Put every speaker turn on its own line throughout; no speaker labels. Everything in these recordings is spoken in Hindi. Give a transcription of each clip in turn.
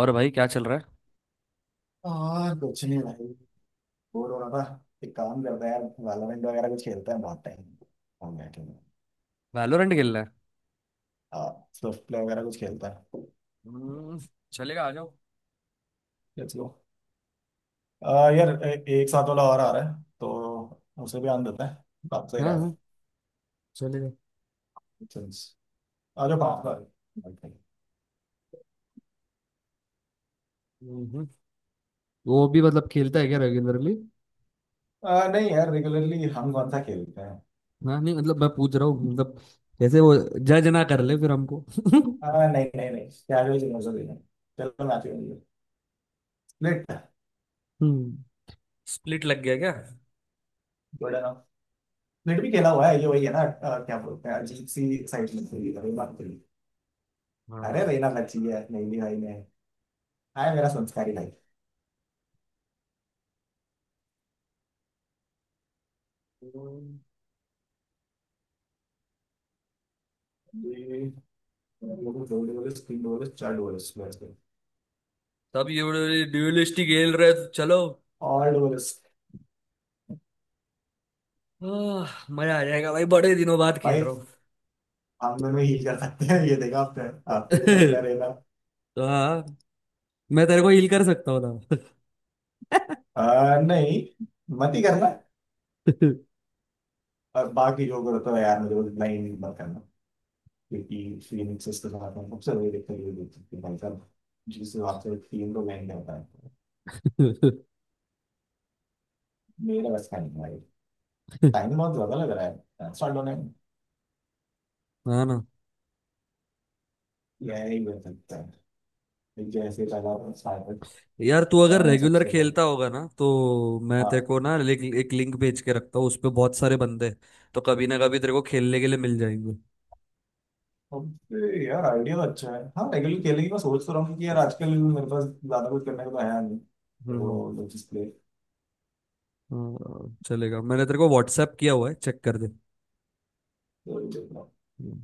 और भाई, क्या चल रहा है?
हाँ कुछ नहीं भाई, बोर हो रहा था। एक काम करते हैं यार, वैलोरेंट वगैरह कुछ खेलते हैं। बहुत टाइम हम बैठे हैं।
वैलोरेंट खेलना है?
हाँ स्विफ्ट प्ले वगैरह कुछ खेलते हैं।
हम्म, चलेगा, आ जाओ।
Let's go. यार, एक साथ वाला और आ रहा है, तो उसे भी आन देते हैं। बात सही
हाँ,
रहेगा।
हाँ, चलेगा।
Since- आ जाओ, बात कर।
हम्म। वो भी मतलब खेलता है क्या, रेगुलरली?
नहीं यार, रेगुलरली हम कौन सा खेलते हैं।
हाँ, नहीं, मतलब मैं पूछ रहा हूँ, मतलब। जैसे वो जज ना कर ले फिर हमको।
नहीं नहीं नहीं, कैजुअल गेम्स होते हैं। चलो मैच खेलेंगे। स्प्लिट।
हम्म। स्प्लिट लग गया क्या?
Good enough. स्प्लिट भी खेला हुआ है, ये वही है ना। क्या बोलते हैं, अजीब सी एक्साइटमेंट होगी बात करी। अरे
हाँ।
रहना का चाहिए, नहीं नहीं भाई ने। हाय मेरा संस्कारी भाई।
हम्म।
ये लोगों दो डोलेस, तीन डोलेस, चार डोलेस।
तब ये बड़े ड्यूलिस्ट ही खेल रहे हैं, चलो।
ऑल डोलेस।
आह, मजा आ जाएगा भाई, बड़े दिनों बाद खेल
भाई
रहा हूँ।
हम दोनों ही कर सकते हैं ये, देखा आपने। आपके पास मैं रहना।
तो हाँ, मैं तेरे को हील कर सकता हूँ ना?
नहीं, मत ही करना। और बाकी जो करता है यार मुझे, वो नहीं, मत करना। क्योंकि फीनिक्स के साथ हम सबसे वही देखते हुए देख सकते हैं भाई साहब। जिससे आपसे तीन को मैंने करता है तो मेरा बस का नहीं है भाई। टाइम बहुत ज्यादा लग रहा है स्टार्ट होने में।
हाँ ना।
यही हो सकता है, जैसे पहला।
यार, तू अगर
हाँ,
रेगुलर
सबसे पहले।
खेलता होगा ना, तो मैं तेरे
हाँ
को ना एक लिंक भेज के रखता हूँ, उस पे बहुत सारे बंदे हैं। तो कभी ना कभी तेरे को खेलने के लिए मिल जाएंगे।
ओके यार, आइडिया तो अच्छा है। हाँ रेगुलर खेलेंगे, मैं सोच तो रहा हूँ कि यार आजकल मेरे पास ज्यादा कुछ करने को तो है नहीं,
हम्म,
तो डिस्प्ले
हाँ, चलेगा। मैंने तेरे को व्हाट्सएप किया हुआ है, चेक कर दे।
तो ये देख रहा हूँ।
हम्म।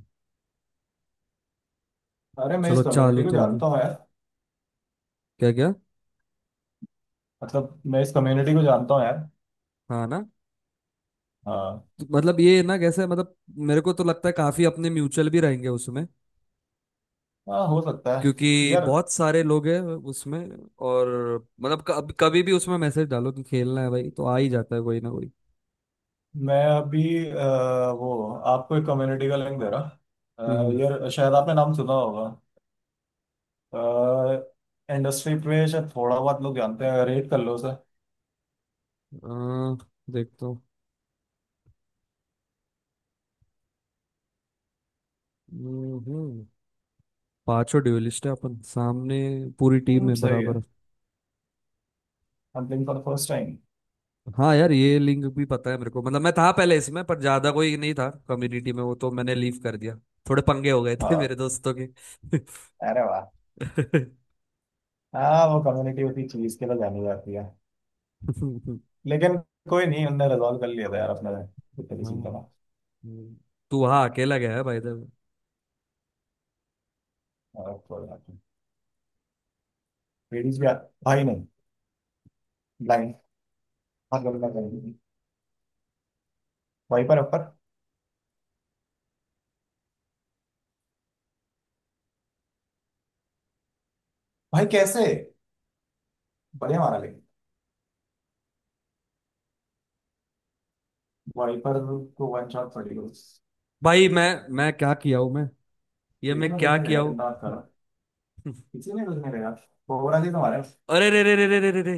अरे मैं इस
चलो,
कम्युनिटी
चालू
को
तो होगी।
जानता हूँ यार।
क्या क्या?
मतलब मैं इस कम्युनिटी को जानता हूँ यार।
हाँ ना।
हाँ
तो मतलब ये ना कैसे, मतलब। मेरे को तो लगता है काफी अपने म्यूचुअल भी रहेंगे उसमें,
हाँ हो सकता है
क्योंकि
यार।
बहुत सारे लोग हैं उसमें। और मतलब कब कभी भी उसमें मैसेज डालो कि खेलना है भाई, तो आ ही जाता है कोई ना कोई।
मैं अभी, वो आपको एक कम्युनिटी का लिंक दे रहा।
हम्म।
यार शायद आपने नाम सुना होगा। इंडस्ट्री पे शायद थोड़ा बहुत लोग जानते हैं, रेट कर लो सर।
आ, देखता हूँ। हम्म। पांचों ड्यूलिस्ट है अपन सामने, पूरी टीम में
सही है।
बराबर।
I for first time.
हाँ यार, ये लिंक भी पता है मेरे को, मतलब मैं था पहले इसमें पर ज्यादा कोई नहीं था कम्युनिटी में, वो तो मैंने लीव कर दिया। थोड़े पंगे हो गए थे मेरे दोस्तों के।
अरे वाह। हाँ वो कम्युनिटी उसी चीज के लिए जानी जाती है। लेकिन कोई नहीं, उनने रिजॉल्व कर लिया था यार अपने। इतनी
हाँ।
चिंता ना।
हम्म। तू हाँ अकेला गया है भाई इधर?
और कोई बात नहीं। लेडीज भी भाई नहीं। ब्लाइंड। हाँ गलना करेंगे। वाइपर अपर। भाई कैसे। बढ़िया मारा लेकिन। वाइपर को वन शॉट पड़ी हो।
भाई, मैं क्या किया हूँ मैं? ये
किसी
मैं
ने कुछ
क्या
नहीं
किया
लगा, चिंता मत
हूँ?
करो। किसी ने कुछ नहीं लगा। कोबरा जी तो मारा,
अरे रे रे रे रे रे रे रे!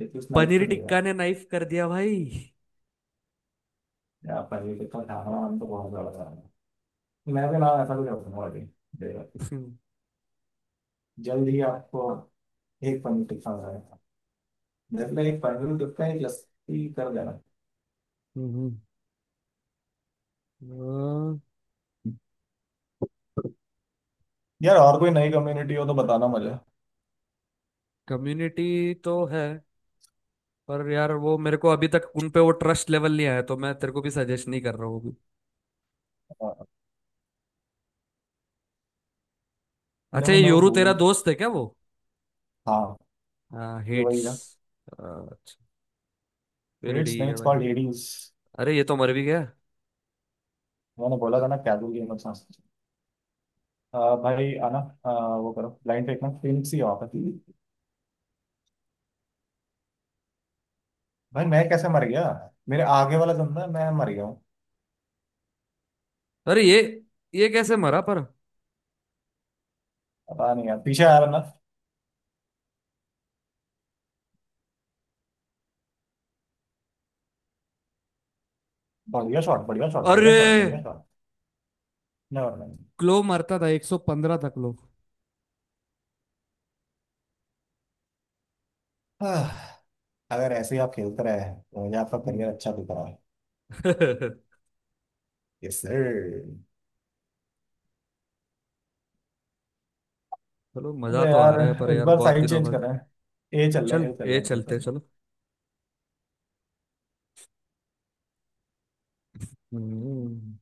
लेकिन उस नाइफ
पनीर
को नहीं लगा।
टिक्का ने नाइफ कर दिया भाई।
यार पहले तो ढाहना हम तो बहुत ज्यादा था। मैं भी ना ऐसा कुछ रखूंगा अभी। देखो, जल्द ही आपको एक पनीर टिक्का मिला। मतलब एक फाइनल गिफ्ट है, एक लस्सी कर देना।
हम्म।
यार और कोई नई कम्युनिटी हो तो बताना मुझे।
कम्युनिटी तो है, पर यार वो मेरे को अभी तक उन पे वो ट्रस्ट लेवल नहीं आया, तो मैं तेरे को भी सजेस्ट नहीं कर रहा हूँ अभी।
लेट
अच्छा,
मी
ये
नो
योरू तेरा
सून।
दोस्त है क्या वो?
हाँ,
हाँ,
ये वही
हेड्स।
है।
अच्छा, फिर
इट्स
ठीक
नेम
है
इट्स
भाई।
Called Hades.
अरे ये तो मर भी गया।
मैंने बोला था ना कैजुअल गेम, अच्छा। भाई आना। वो करो, ब्लाइंड फेंकना, पिंक सी ऑफ है। भाई मैं कैसे मर गया। मेरे आगे वाला बंदा, मैं मर गया हूँ।
अरे, ये कैसे मरा पर?
पता नहीं यार, पीछे आया बंदा। बढ़िया शॉट, बढ़िया शॉट, बढ़िया
अरे,
शॉट, बढ़िया शॉट। Never mind.
क्लो मरता था, 115 था क्लो।
आह, अगर ऐसे ही आप खेलते रहे तो मुझे आपका
हम्म।
करियर अच्छा दिख रहा है।
चलो।
Yes sir.
मजा
अबे
तो आ
यार,
रहा है, पर
इस
यार
बार
बहुत
साइड
दिनों
चेंज
बाद।
कर रहे हैं, ए चल रहे हैं,
चल,
ए चल
ये
रहे हैं, ए चल
चलते
रहे हैं।
चलो। हम्म।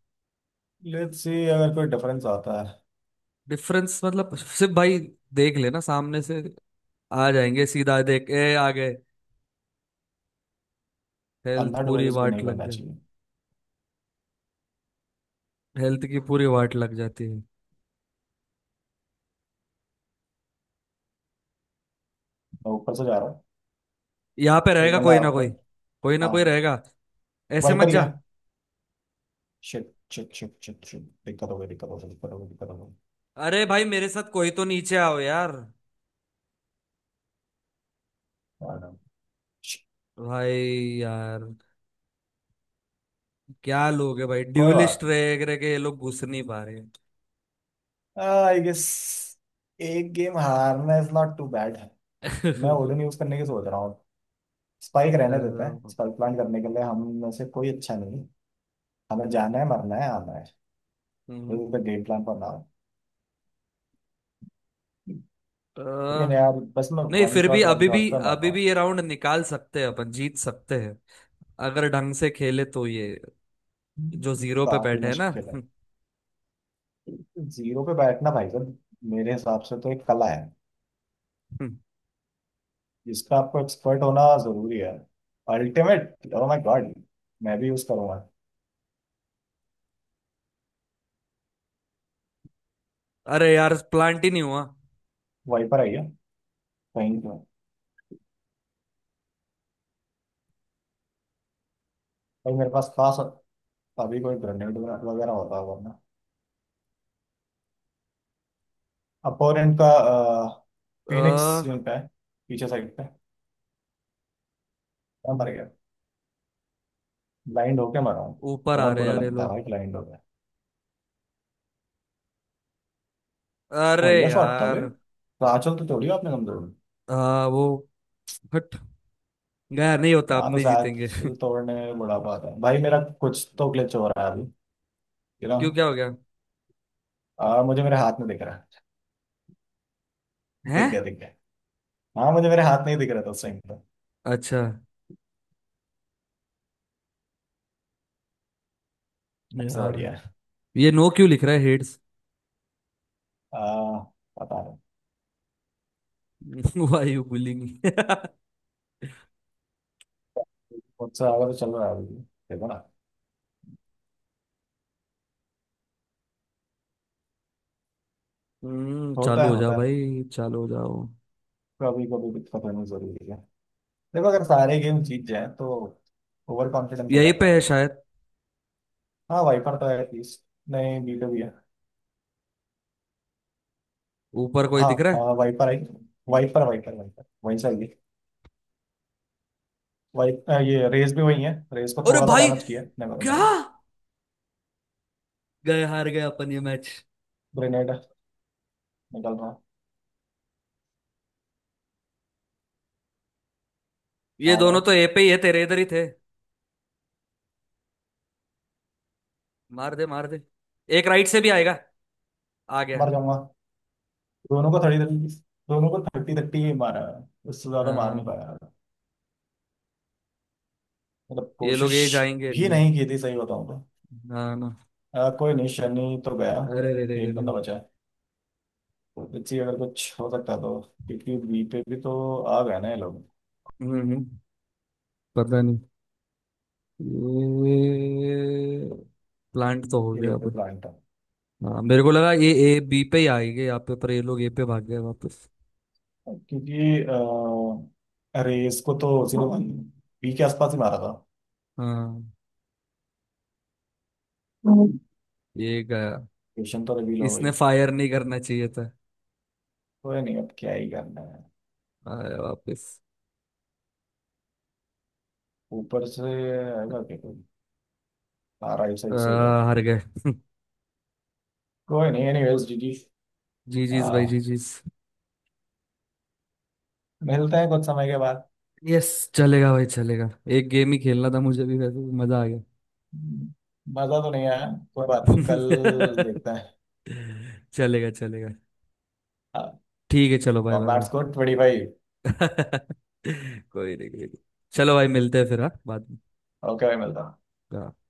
लेट्स सी अगर कोई डिफरेंस आता है।
डिफरेंस मतलब सिर्फ, भाई देख लेना सामने से आ जाएंगे सीधा, देख, ए आ गए। हेल्थ
अंधा
पूरी
डुअलिस्ट भी नहीं
वाट लग।
बनना चाहिए।
हेल्थ की पूरी वाट लग जाती है।
मैं ऊपर से जा रहा हूँ।
यहाँ पे
एक
रहेगा
बंदा
कोई
है
ना कोई,
ऊपर।
कोई ना कोई
हाँ
रहेगा। ऐसे मत
वाइपर ही
जा।
है। Shit shit shit shit shit, दिक्कत हो गई, दिक्कत हो गई, दिक्कत हो गई, दिक्कत हो गई।
अरे भाई, मेरे साथ कोई तो नीचे आओ यार।
और, shit,
भाई, यार, क्या लोग है भाई,
कोई बात।
ड्यूलिस्ट रह रह के ये लोग घुस नहीं पा रहे।
आई गेस एक गेम हारना इज नॉट टू बैड। मैं ओडन यूज करने की सोच रहा हूँ। स्पाइक
अ,
रहने देते हैं, स्पाइक प्लान करने के लिए हम में से कोई अच्छा नहीं है। हमें जाना है, मरना है, आना है
हम्म,
गेम प्लान पर।
अ,
लेकिन यार बस मैं
नहीं, फिर भी
वन
अभी भी
शॉट पे मर रहा
अभी
हूँ।
भी ये राउंड निकाल सकते हैं, अपन जीत सकते हैं अगर ढंग से खेले तो, ये जो जीरो पे
काफी
बैठे हैं ना।
मुश्किल है जीरो पे बैठना भाई साहब, मेरे हिसाब से तो एक कला है, जिसका आपको एक्सपर्ट होना जरूरी है। अल्टीमेट, ओह माय गॉड, मैं भी यूज करूंगा।
अरे यार, प्लांट ही नहीं हुआ।
वहीं पर आइए, कहीं पे। भाई मेरे पास खास अभी कोई ग्रेनेड वगैरह होता होगा ना, अपोनेंट का। फिनिक्स
अ,
यूनिट है पीछे साइड पे। मैं मर गया, ब्लाइंड होके मरा हूँ।
ऊपर आ
बहुत
रहे हैं
बुरा
यार ये
लगता है
लोग।
भाई ब्लाइंड होके।
अरे
बढ़िया शॉट था
यार,
भाई, तो आंचल तो तोड़ी आपने कमजोर।
वो हट गया, नहीं होता, अब
यहाँ तो
नहीं जीतेंगे।
सांस तोड़ने में बड़ा बात है भाई, मेरा कुछ तो ग्लिच हो रहा है अभी यू नो
क्यों, क्या हो गया?
मुझे मेरे हाथ में दिख रहा है।
हैं?
दिख गया, दिख गया। हाँ मुझे मेरे हाथ नहीं दिख रहा था उस टाइम पे।
अच्छा
सबसे
यार,
बढ़िया है।
ये नो क्यों लिख रहा है हेड्स?
आ, पता नहीं।
Y you bullying?
मुझसे आगे तो चल रहा है अभी भी। देखो ना।
हम्म,
होता
चालू
है,
हो जाओ
होता है।
भाई, चालू हो जाओ।
कभी कभी दिक्कत होनी जरूरी है। देखो अगर सारे गेम जीत जाए तो ओवर कॉन्फिडेंस हो
यहीं
जाता है
पे है
भाई।
शायद,
हाँ वाइपर तो है एटलीस्ट। नहीं, बीटो भी है।
ऊपर कोई
हाँ
दिख रहा है।
हाँ वाइपर आई। वाइपर, वाइपर, वाइपर वही चाहिए। वाइप, ये रेस भी वही है, रेस को
अरे
थोड़ा सा
भाई,
डैमेज किया है।
क्या गए, हार गए अपन ये मैच।
ग्रेनेड निकल रहा,
ये
भाग
दोनों
रहा,
तो ए पे ही है, तेरे इधर ही थे। मार दे, मार दे, एक राइट से भी आएगा। आ गया।
मर जाऊंगा। दोनों को 30 30। दोनों को थर्टी थर्टी ही मारा है। उससे ज्यादा मार नहीं
हाँ,
पाया। मतलब
ये लोग
कोशिश
ए जाएंगे
भी
नहीं।
नहीं की थी सही बताऊं तो।
ना, ना।
कोई नहीं, शनि तो गया।
अरे रे रे रे
एक
रे!
बंदा बचा है, इसी अगर कुछ हो सकता है तो, क्योंकि बी पे भी तो आ गए ना ये लोग।
हम्म, पता नहीं। ये प्लांट तो हो गया
ए पे
अब।
प्लांट।
हाँ, मेरे को लगा ये ए बी पे ही आएंगे यहाँ पे, पर ये लोग ए पे भाग गए वापस।
क्योंकि रेस को तो उसी ने बी के आसपास ही मारा था,
हाँ,
लोकेशन
ये गया।
तो रिवील हो
इसने
गई।
फायर नहीं करना चाहिए था।
कोई नहीं, अब क्या ही करना है।
आया वापस।
ऊपर से आएगा क्या कोई। 12
आ,
सही सही है।
हार गए।
कोई नहीं, एनीवेज जीजी।
जी जीज भाई, जी
आ,
जीज।
मिलते हैं कुछ समय के बाद।
यस, चलेगा भाई, चलेगा। एक गेम ही खेलना था मुझे भी वैसे, मजा आ गया।
मजा तो नहीं आया, कोई बात नहीं, कल देखते
चलेगा, चलेगा।
हैं।
ठीक है, चलो, बाय बाय
कॉम्बैट
भाई।
स्कोर 25।
कोई नहीं, कोई नहीं। चलो भाई, मिलते हैं फिर हाँ, बाद में।
ओके भाई, मिलता है।
हाँ।